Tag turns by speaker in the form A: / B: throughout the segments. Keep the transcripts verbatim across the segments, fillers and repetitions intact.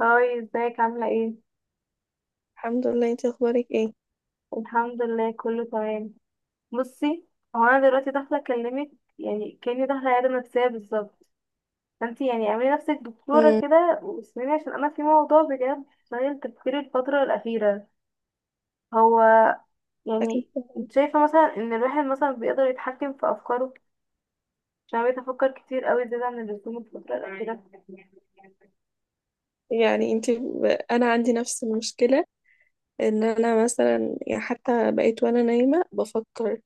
A: هاي، ازيك؟ عاملة ايه؟
B: الحمد لله، انت اخبارك ايه؟
A: الحمد لله، كله تمام. بصي، هو انا دلوقتي داخلة اكلمك، يعني كأني داخلة عيادة نفسية بالظبط. فانتي يعني اعملي نفسك دكتورة
B: امم
A: كده واسمعيني، عشان انا في موضوع بجد شاغل تفكيري الفترة الأخيرة. هو
B: اكيد
A: يعني
B: طبعاً.
A: انت شايفة مثلا ان الواحد مثلا بيقدر يتحكم في افكاره؟ عشان بقيت افكر كتير قوي زيادة عن اللزوم الفترة الأخيرة.
B: يعني انت ب... انا عندي نفس المشكله، ان انا مثلا يعني حتى بقيت وانا نايمه بفكر،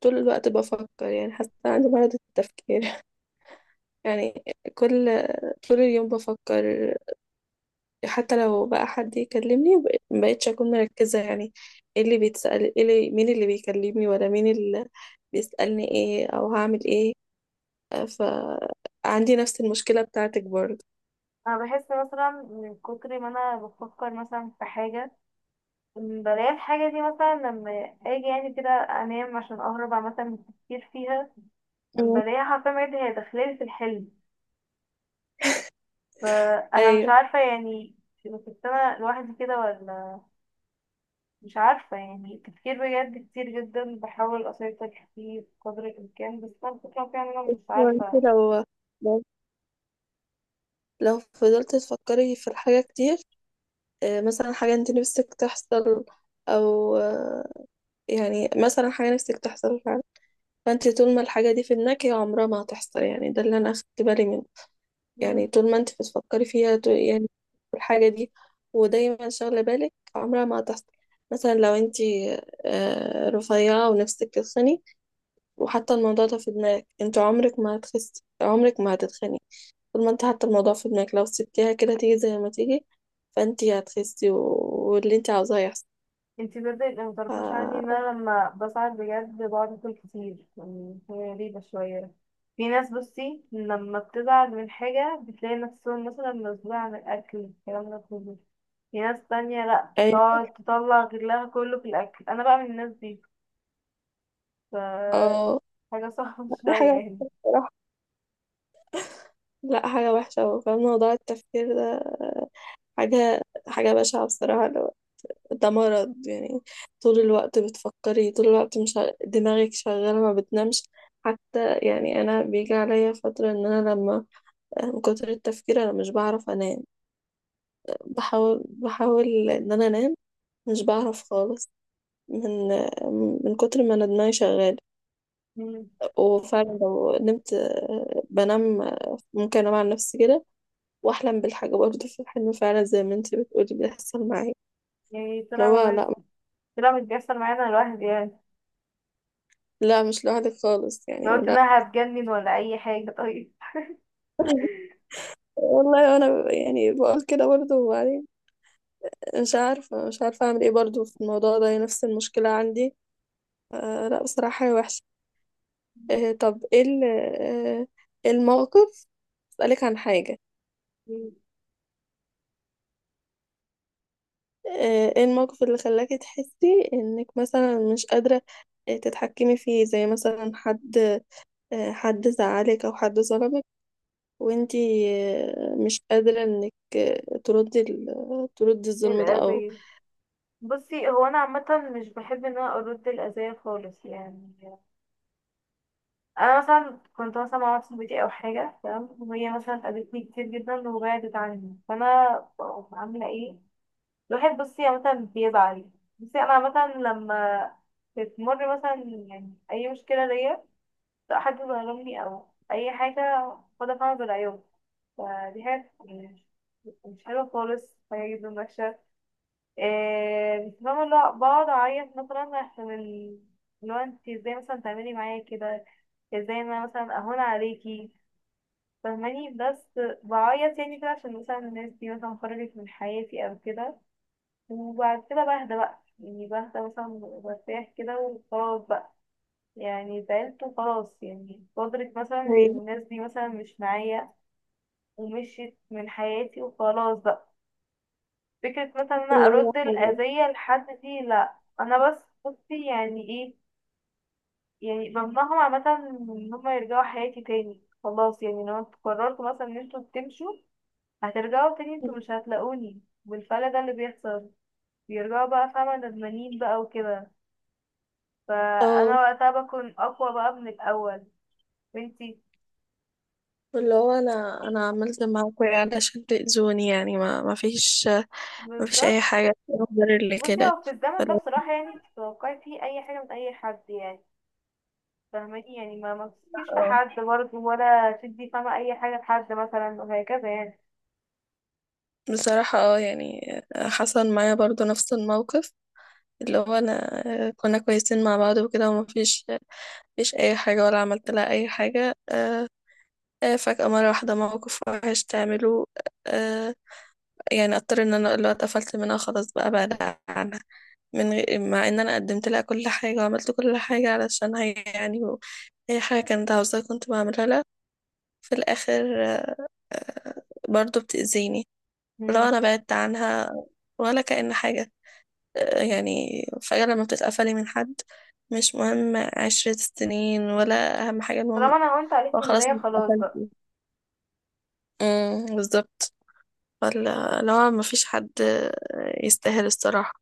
B: طول الوقت بفكر يعني حتى عندي مرض التفكير. يعني كل طول اليوم بفكر. حتى لو بقى حد يكلمني، ب- مبقتش اكون مركزه يعني، ايه اللي بيتسال، ايه اللي... مين اللي بيكلمني ولا مين اللي بيسالني ايه او هعمل ايه. فعندي نفس المشكله بتاعتك برضه.
A: انا بحس مثلا من كتر ما انا بفكر مثلا في حاجة، بلاقي الحاجة دي مثلا لما اجي يعني كده انام عشان اهرب مثلا من التفكير فيها،
B: امم.
A: بلاقيها حرفيا بجد هي داخلالي في الحلم. فانا مش
B: ايوه،
A: عارفة يعني كنت انا لوحدي كده ولا؟ مش عارفة، يعني تفكير بجد كتير جدا، بحاول اسيطر فيه بقدر الامكان، بس انا الفكرة فيها ان انا مش
B: وانت
A: عارفة.
B: لو لو لو فضلت تفكري في الحاجة كتير، آه، مثلا حاجة انت نفسك تحصل، او آه، يعني مثلا حاجة نفسك تحصل فعلا، فانت طول ما الحاجة دي في دماغك هي عمرها ما هتحصل. يعني ده اللي انا اخدت بالي منه. يعني طول ما انت بتفكري فيها، ط- يعني في الحاجة دي، ودايما شاغلة بالك، عمرها ما هتحصل. مثلا لو انت آه، رفيعة ونفسك تتخني، وحتى الموضوع ده في دماغك، انت عمرك ما هتخسي، عمرك ما هتتخني. طول ما انت حاطه الموضوع في دماغك، لو سبتيها كده تيجي زي ما تيجي، فانت هتخسي و... واللي انت عاوزاه يحصل.
A: انتي بدأت اللي
B: ف...
A: متعرفهاش عني ان انا لما بساعد بجد بقعد اكل كتير، يعني هي غريبة شوية. في ناس بصي لما بتزعل من حاجة بتلاقي نفسهم مثلا مسؤولة عن الأكل الكلام ده كله، في ناس تانية لأ
B: يعني،
A: تقعد تطلع غلها كله في الأكل، أنا بقى من الناس دي. ف
B: اه
A: حاجة صعبة
B: دي
A: شوية
B: حاجة
A: يعني.
B: وحشة بصراحة. لا، حاجة وحشة أوي، فاهم موضوع التفكير ده. حاجة حاجة بشعة بصراحة. لو- ده مرض يعني. طول الوقت بتفكري، طول الوقت مش ع- دماغك شغالة، ما بتنامش. حتى يعني أنا بيجي عليا فترة، إن أنا لما، من كتر التفكير أنا مش بعرف أنام. بحاول بحاول إن أنا أنام، مش بعرف خالص من من كتر ما انا دماغي شغال.
A: مم.
B: وفعلا لو نمت، آه، بنام، آه، ممكن انام على نفسي كده، واحلم بالحاجه برضه في الحلم، فعلا زي ما انت بتقولي بيحصل معايا.
A: يعني
B: لو
A: طلع ما
B: لا،
A: بس- طلع مش بيحصل معانا الواحد يعني.
B: لا، مش لوحدك خالص
A: لو
B: يعني،
A: قلت
B: لا.
A: إنها هتجنن ولا أي حاجة طيب.
B: والله انا ب- يعني بقول كده برضه. وبعدين مش عارفه مش عارفه اعمل ايه برضه في الموضوع ده، هي نفس المشكله عندي. آه لا، بصراحه هي وحشه. آه طب، ايه ال- آه، إيه الموقف، اسالك عن حاجه.
A: مم.
B: آه، ايه الموقف اللي خلاكي تحسي انك مثلا مش قادرة آه، تتحكمي فيه، زي مثلا حد، آه، حد زعلك او حد ظلمك، وانتي آه، مش قادرة انك آه، تردي ال- تردي الظلم ده او...
A: الأذية. بصي هو انا عامه مش بحب ان انا ارد الاذيه خالص يعني. انا مثلا كنت مثلا مع واحدة صاحبتي او حاجه تمام، وهي مثلا اذتني كتير جدا وبعدت عني، فانا بقوم عامله ايه؟ الواحد بصي عامه بيزعل. بصي انا عامه لما بتمر مثلا يعني اي مشكله ليا، سواء حد ظلمني او اي حاجه، باخدها فعلا بالعيوب. فدي حاجه يعني مش حلوه خالص، حاجه جدا وحشه. إيه بس فاهمة اللي هو بقعد أعيط مثلا عشان ال- اللي هو انت ازاي مثلا تعملي معايا كده؟ ازاي انا مثلا أهون عليكي؟ فاهماني، بس بعيط يعني كده عشان مثلا الناس دي مثلا خرجت من حياتي أو كده. وبعد كده بهدى بقى، يعني بهدى مثلا وبرتاح كده وخلاص بقى، يعني زعلت وخلاص، يعني قدرت مثلا إن
B: أيوة.
A: الناس دي مثلا مش معايا ومشيت من حياتي وخلاص بقى. فكرة مثلا إن أنا
B: اللي هو
A: أرد
B: حل-
A: الأذية لحد دي لأ، أنا بس بصي يعني إيه، يعني بمنعهم عامة إن هما يرجعوا حياتي تاني. خلاص يعني، لو انتوا قررتوا مثلا إن انتوا تمشوا، هترجعوا تاني انتوا مش هتلاقوني. والفلا ده اللي بيحصل، بيرجعوا بقى فاهمة ندمانين بقى وكده،
B: اه
A: فأنا وقتها بكون أقوى بقى من الأول. وانتي.
B: اللي هو انا انا عملت معاك ايه علشان تأذوني؟ يعني ما ما فيش ما فيش اي
A: بالظبط.
B: حاجة تقدر اللي
A: بصي
B: كده.
A: هو في الزمن ده
B: فاللي
A: بصراحة يعني تتوقعي فيه أي حاجة من أي حد يعني، فاهماني؟ يعني ما ما تثقيش في
B: هو-
A: حد برضه، ولا تدي فاهمة أي حاجة لحد مثلا وهكذا يعني.
B: بصراحة اه، يعني آه، حصل معايا برضو نفس الموقف. اللي هو انا كنا كويسين مع بعض وكده، ومفيش مفيش اي حاجة ولا عملت لها اي حاجة. آه، آه، فجأة مرة واحدة موقف وحش تعمله. آه، يعني اضطر ان انا اللي هو اتقفلت منها، خلاص بقى بعد عنها، من غير، مع ان انا قدمت لها كل حاجة وعملت كل حاجة علشان هي، يعني و- اي حاجة كانت عاوزاها كنت بعملها لها. في الاخر آه، آه، برضو بتأذيني. لو
A: مم.
B: انا بعدت عنها، ولا كأن حاجة. آه، يعني فجأة لما بتتقفلي من حد، مش مهم عشرة سنين، ولا أهم حاجة، المهم
A: طالما أنا هونت عليك
B: هو
A: من
B: خلاص
A: البداية
B: انت
A: خلاص بقى.
B: اتقفلتي. امم بالظبط. ولا لو مفيش حد يستاهل، الصراحة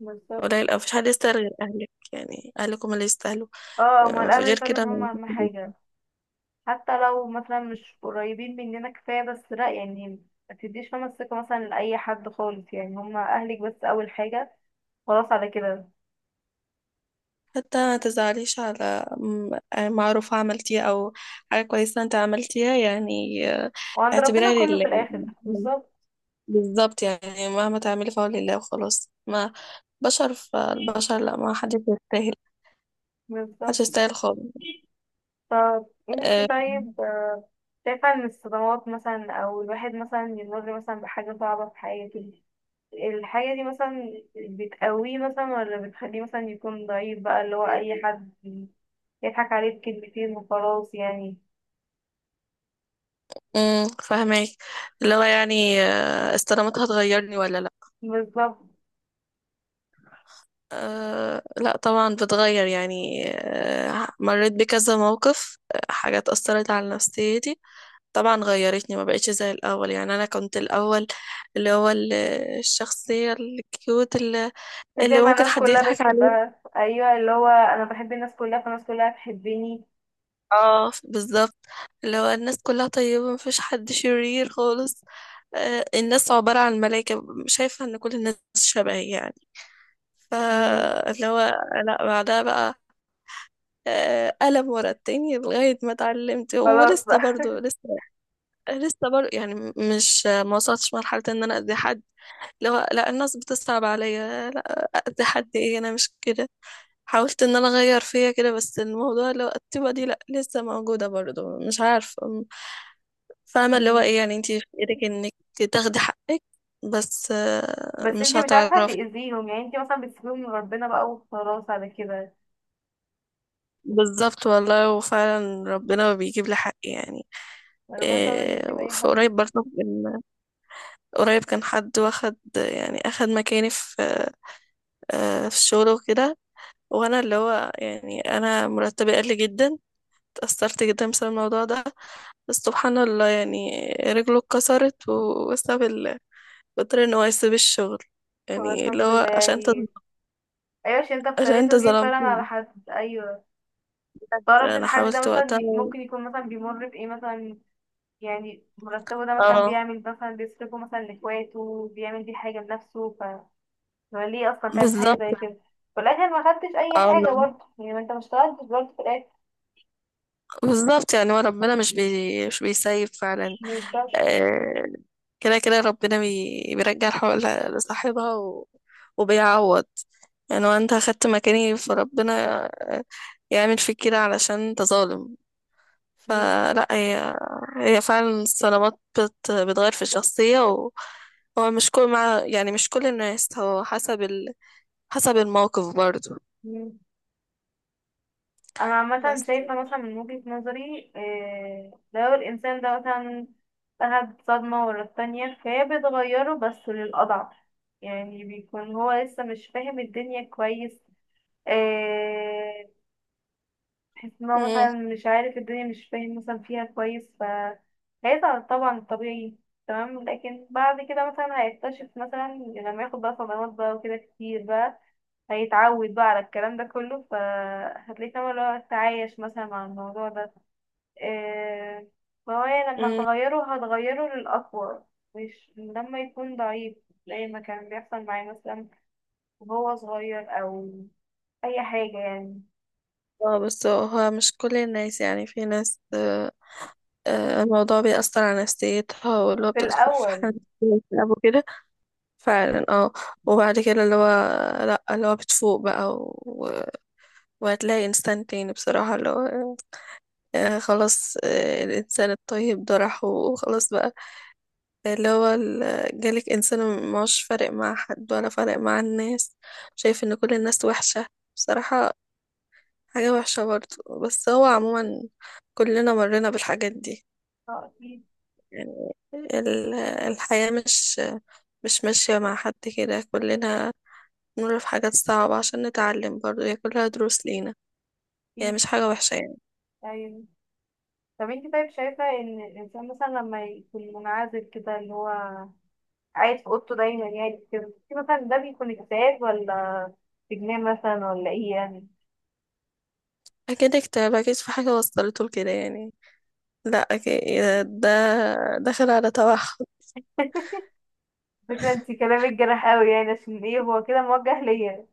A: بالظبط.
B: قليل أو مفيش حد يستاهل غير أهلك، يعني أهلك هم اللي يستاهلوا.
A: اه، هما
B: آه،
A: الأهل
B: غير
A: فعلا
B: كده
A: هما
B: مفيش
A: أهم
B: حد.
A: حاجة. حتى لو مثلا مش قريبين مننا كفاية بس لأ يعني، ما تديش فاهمة الثقة مثلا لأي حد خالص، يعني هما أهلك بس أول حاجة، خلاص على كده.
B: حتى ما تزعليش على م- معروف عملتيه، أو حاجة كويسة أنت عملتيها، يعني. آه،
A: وعند ربنا
B: اعتبرها
A: كله في
B: لله.
A: الآخر، بالظبط.
B: بالظبط، يعني مهما تعملي فهو لله وخلاص، ما بشر فالبشر لا، ما حدش يستاهل، محدش
A: بالظبط.
B: يستاهل خالص.
A: طب انتي
B: أه،
A: طيب، آه، شايفة ان الصدمات مثلا او الواحد مثلا يمر مثلا بحاجة صعبة في حياته، الحاجة دي مثلا بتقويه مثلا ولا بتخليه مثلا يكون ضعيف بقى اللي هو اي حد يضحك عليه بكلمتين وخلاص يعني؟
B: أمم، فهماك، اللي هو يعني آه، استلامتها هتغيرني ولا لا؟
A: بالظبط.
B: أه لا، طبعا بتغير، يعني أه مريت بكذا موقف، آه، حاجات أثرت على نفسيتي. طبعا غيرتني، ما بقتش زي الأول. يعني أنا كنت الأول اللي هو ال- الشخصية الكيوت اللي
A: مش
B: اللي
A: شايفة
B: ممكن
A: الناس
B: حد
A: كلها
B: يضحك عليها.
A: بتحبها؟ ايوه، اللي هو انا بحب الناس كلها فالناس كلها تحبني.
B: اه بالظبط، لو الناس كلها طيبة مفيش حد شرير خالص، آه، الناس عبارة عن ملايكة، شايفة ان كل الناس شبه يعني.
A: مم،
B: فاللي هو لا، بعدها بقى آه، قلم ورا التاني لغاية ما اتعلمت.
A: خلاص
B: ولسه
A: بقى.
B: برضو لسه لسه برضو يعني، م- مش، ما وصلتش مرحلة ان انا اذي حد. اللي هو لا، الناس بتصعب عليا، لا اذي حد ايه، انا مش كده. حاولت ان انا اغير فيا كده، بس الموضوع اللي هو الطيبة دي لا لسه موجودة برضو، مش عارفة. فاهمة، اللي هو
A: مم.
B: ايه يعني، انتي في ايدك انك تاخدي حقك، بس آه،
A: بس
B: مش
A: انتي مش عارفة
B: هتعرفي.
A: تأذيهم يعني، انتي مثلا بتسيبيهم من ربنا بقى وخلاص على كده.
B: بالظبط والله، وفعلا ربنا بيجيب لي حقي يعني.
A: ربنا طبعا مش
B: إيه،
A: بيسيب اي
B: في
A: حد.
B: قريب برضه كان- قريب كان حد واخد، يعني اخد مكاني في آه، في الشغل وكده، وانا اللي هو، يعني انا مرتبي قل جدا، اتأثرت جدا بسبب الموضوع ده. بس سبحان الله، يعني رجله اتكسرت، وبسبب ال- اضطر ان هو يسيب الشغل.
A: طب
B: يعني اللي
A: الحمد
B: هو
A: لله
B: عشان انت
A: يعني. ايوه، عشان انت
B: عشان
A: افتريت
B: انت
A: وجيت
B: ظلمت.
A: فعلا على حد. ايوه، متعرفش
B: انا
A: الحد ده
B: حاولت
A: مثلا
B: وقتها.
A: ي- ممكن يكون مثلا بيمر بايه مثلا، يعني مرتبه ده مثلا
B: اه
A: بيعمل مثلا بيصرفه مثلا لاخواته، بيعمل بيه حاجة لنفسه، ف هو ليه اصلا تعمل حاجة
B: بالظبط،
A: زي كده؟ في الاخر ما خدتش اي
B: اه
A: حاجة برضه، يعني ما انت ما اشتغلتش برضه في الاخر.
B: بالظبط، يعني هو ربنا مش بي... مش بيسيب فعلا.
A: ما
B: آه، كده كده ربنا بي... بيرجع الحق ل- لصاحبها و... وبيعوض. يعني هو انت اخدت مكاني، فربنا آه، يعمل فيك كده علشان انت ظالم.
A: ينفعش.
B: فلا، هي هي فعلا الصدمات بت... بتغير في الشخصية و- هو مش كل مع يعني مش كل الناس، هو حسب ال... حسب الموقف برضو.
A: انا عامه
B: بس.
A: شايفه مثلا من وجهه نظري، آه، لو الانسان ده مثلا اخد صدمه ورا التانية فهي بتغيره بس للاضعف. يعني بيكون هو لسه مش فاهم الدنيا كويس، آه، تحس ان هو مثلا مش عارف الدنيا مش فاهم مثلا فيها كويس، فهيزعل طبعا طبيعي تمام. لكن بعد كده مثلا هيكتشف مثلا لما ياخد بقى صدمات بقى وكده كتير بقى، هيتعود بقى على الكلام ده كله، فهتلاقيه فاهمة اللي هو تعايش مثلا مع الموضوع ده، إيه، فهو يعني لما
B: مم.
A: هتغيره هتغيره للأقوى، مش لما يكون ضعيف، زي ما كان بيحصل معايا مثلا وهو صغير أو أي حاجة يعني.
B: اه بس هو مش كل الناس، يعني في ناس آه، آه، الموضوع بيأثر على نفسيتها، واللي هو
A: في
B: بتدخل في حالة
A: الأول.
B: اكتئاب وكده. فعلا اه، وبعد كده اللي هو لأ، اللي هو بتفوق بقى و... وهتلاقي إنسان تاني بصراحة، اللي هو آه، آه، خلاص، آه، الإنسان الطيب ده راح وخلاص بقى. اللي هو ال- جالك إنسان مش فارق مع حد، ولا فارق مع الناس، شايف إن كل الناس وحشة. بصراحة حاجة وحشة برضه، بس هو عموما كلنا مرينا بالحاجات دي،
A: اه. أكيد.
B: يعني ال- الحياة مش مش ماشية مع حد، كده كلنا نمر في حاجات صعبة عشان نتعلم، برضه هي كلها دروس لينا. هي
A: أكيد.
B: مش حاجة وحشة يعني.
A: أيوة. طب انت طيب شايفة ان الانسان مثلا لما يكون منعزل كده اللي هو قاعد في اوضته دايما يعني كده، انت مثلا ده بيكون اكتئاب ولا اجتماع مثلا ولا ايه يعني؟
B: أكيد اكتئاب، أكيد في حاجة وصلته لكده يعني، لا أكيد، ده داخل على توحد.
A: فكرة انت كلامك جرح قوي يعني، عشان ايه هو كده موجه ليا؟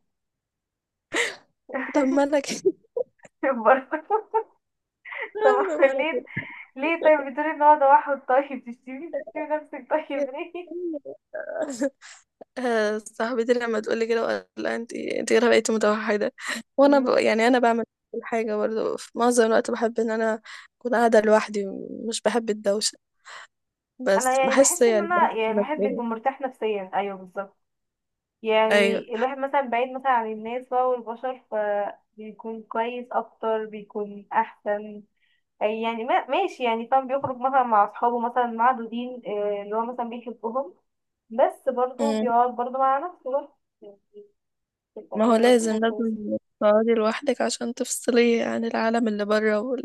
B: طب ما أنا كده.
A: برضه.
B: طب
A: طب
B: ما
A: ليه؟
B: أنا
A: ليه طيب بتقولي ان هو توحد؟ طيب تشتمي تشتمي نفسك؟ طيب ليه؟
B: كده آه، صاحبتي لما تقول لي كده، وقال لها انت انت كده بقيتي متوحده. وانا ب...
A: مم.
B: يعني انا بعمل كل حاجه برضه، في معظم الوقت بحب ان انا اكون قاعده لوحدي، مش بحب الدوشه،
A: انا
B: بس
A: يعني
B: بحس
A: بحس ان
B: يعني بحس
A: انا يعني الواحد
B: نفسيا.
A: بيكون مرتاح نفسيا ايوه بالظبط،
B: ايوه.
A: يعني الواحد مثلا بعيد مثلا عن الناس بقى والبشر فبيكون كويس اكتر بيكون احسن. أي يعني ما ماشي يعني فاهم، بيخرج مثلا مع اصحابه مثلا معدودين آه، اللي هو مثلا بيحبهم، بس برضه
B: مم.
A: بيقعد برضه مع نفسه برضه، تبقى
B: ما هو
A: هي
B: لازم
A: وظيفة كويسة.
B: لازم تقعدي لوحدك عشان تفصلي عن العالم اللي بره،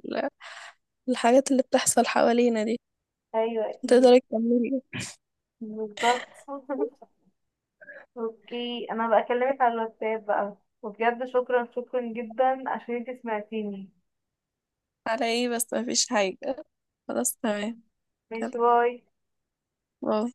B: والحاجات اللي بتحصل حوالينا دي.
A: أيوة أكيد.
B: تقدري تكملي؟
A: بالظبط. أوكي، أنا بكلمك على الواتساب بقى، وبجد شكرا شكرا جدا عشان انتي سمعتيني.
B: على ايه بس، ما فيش حاجه، خلاص تمام،
A: ماشي،
B: كده
A: باي.
B: باي.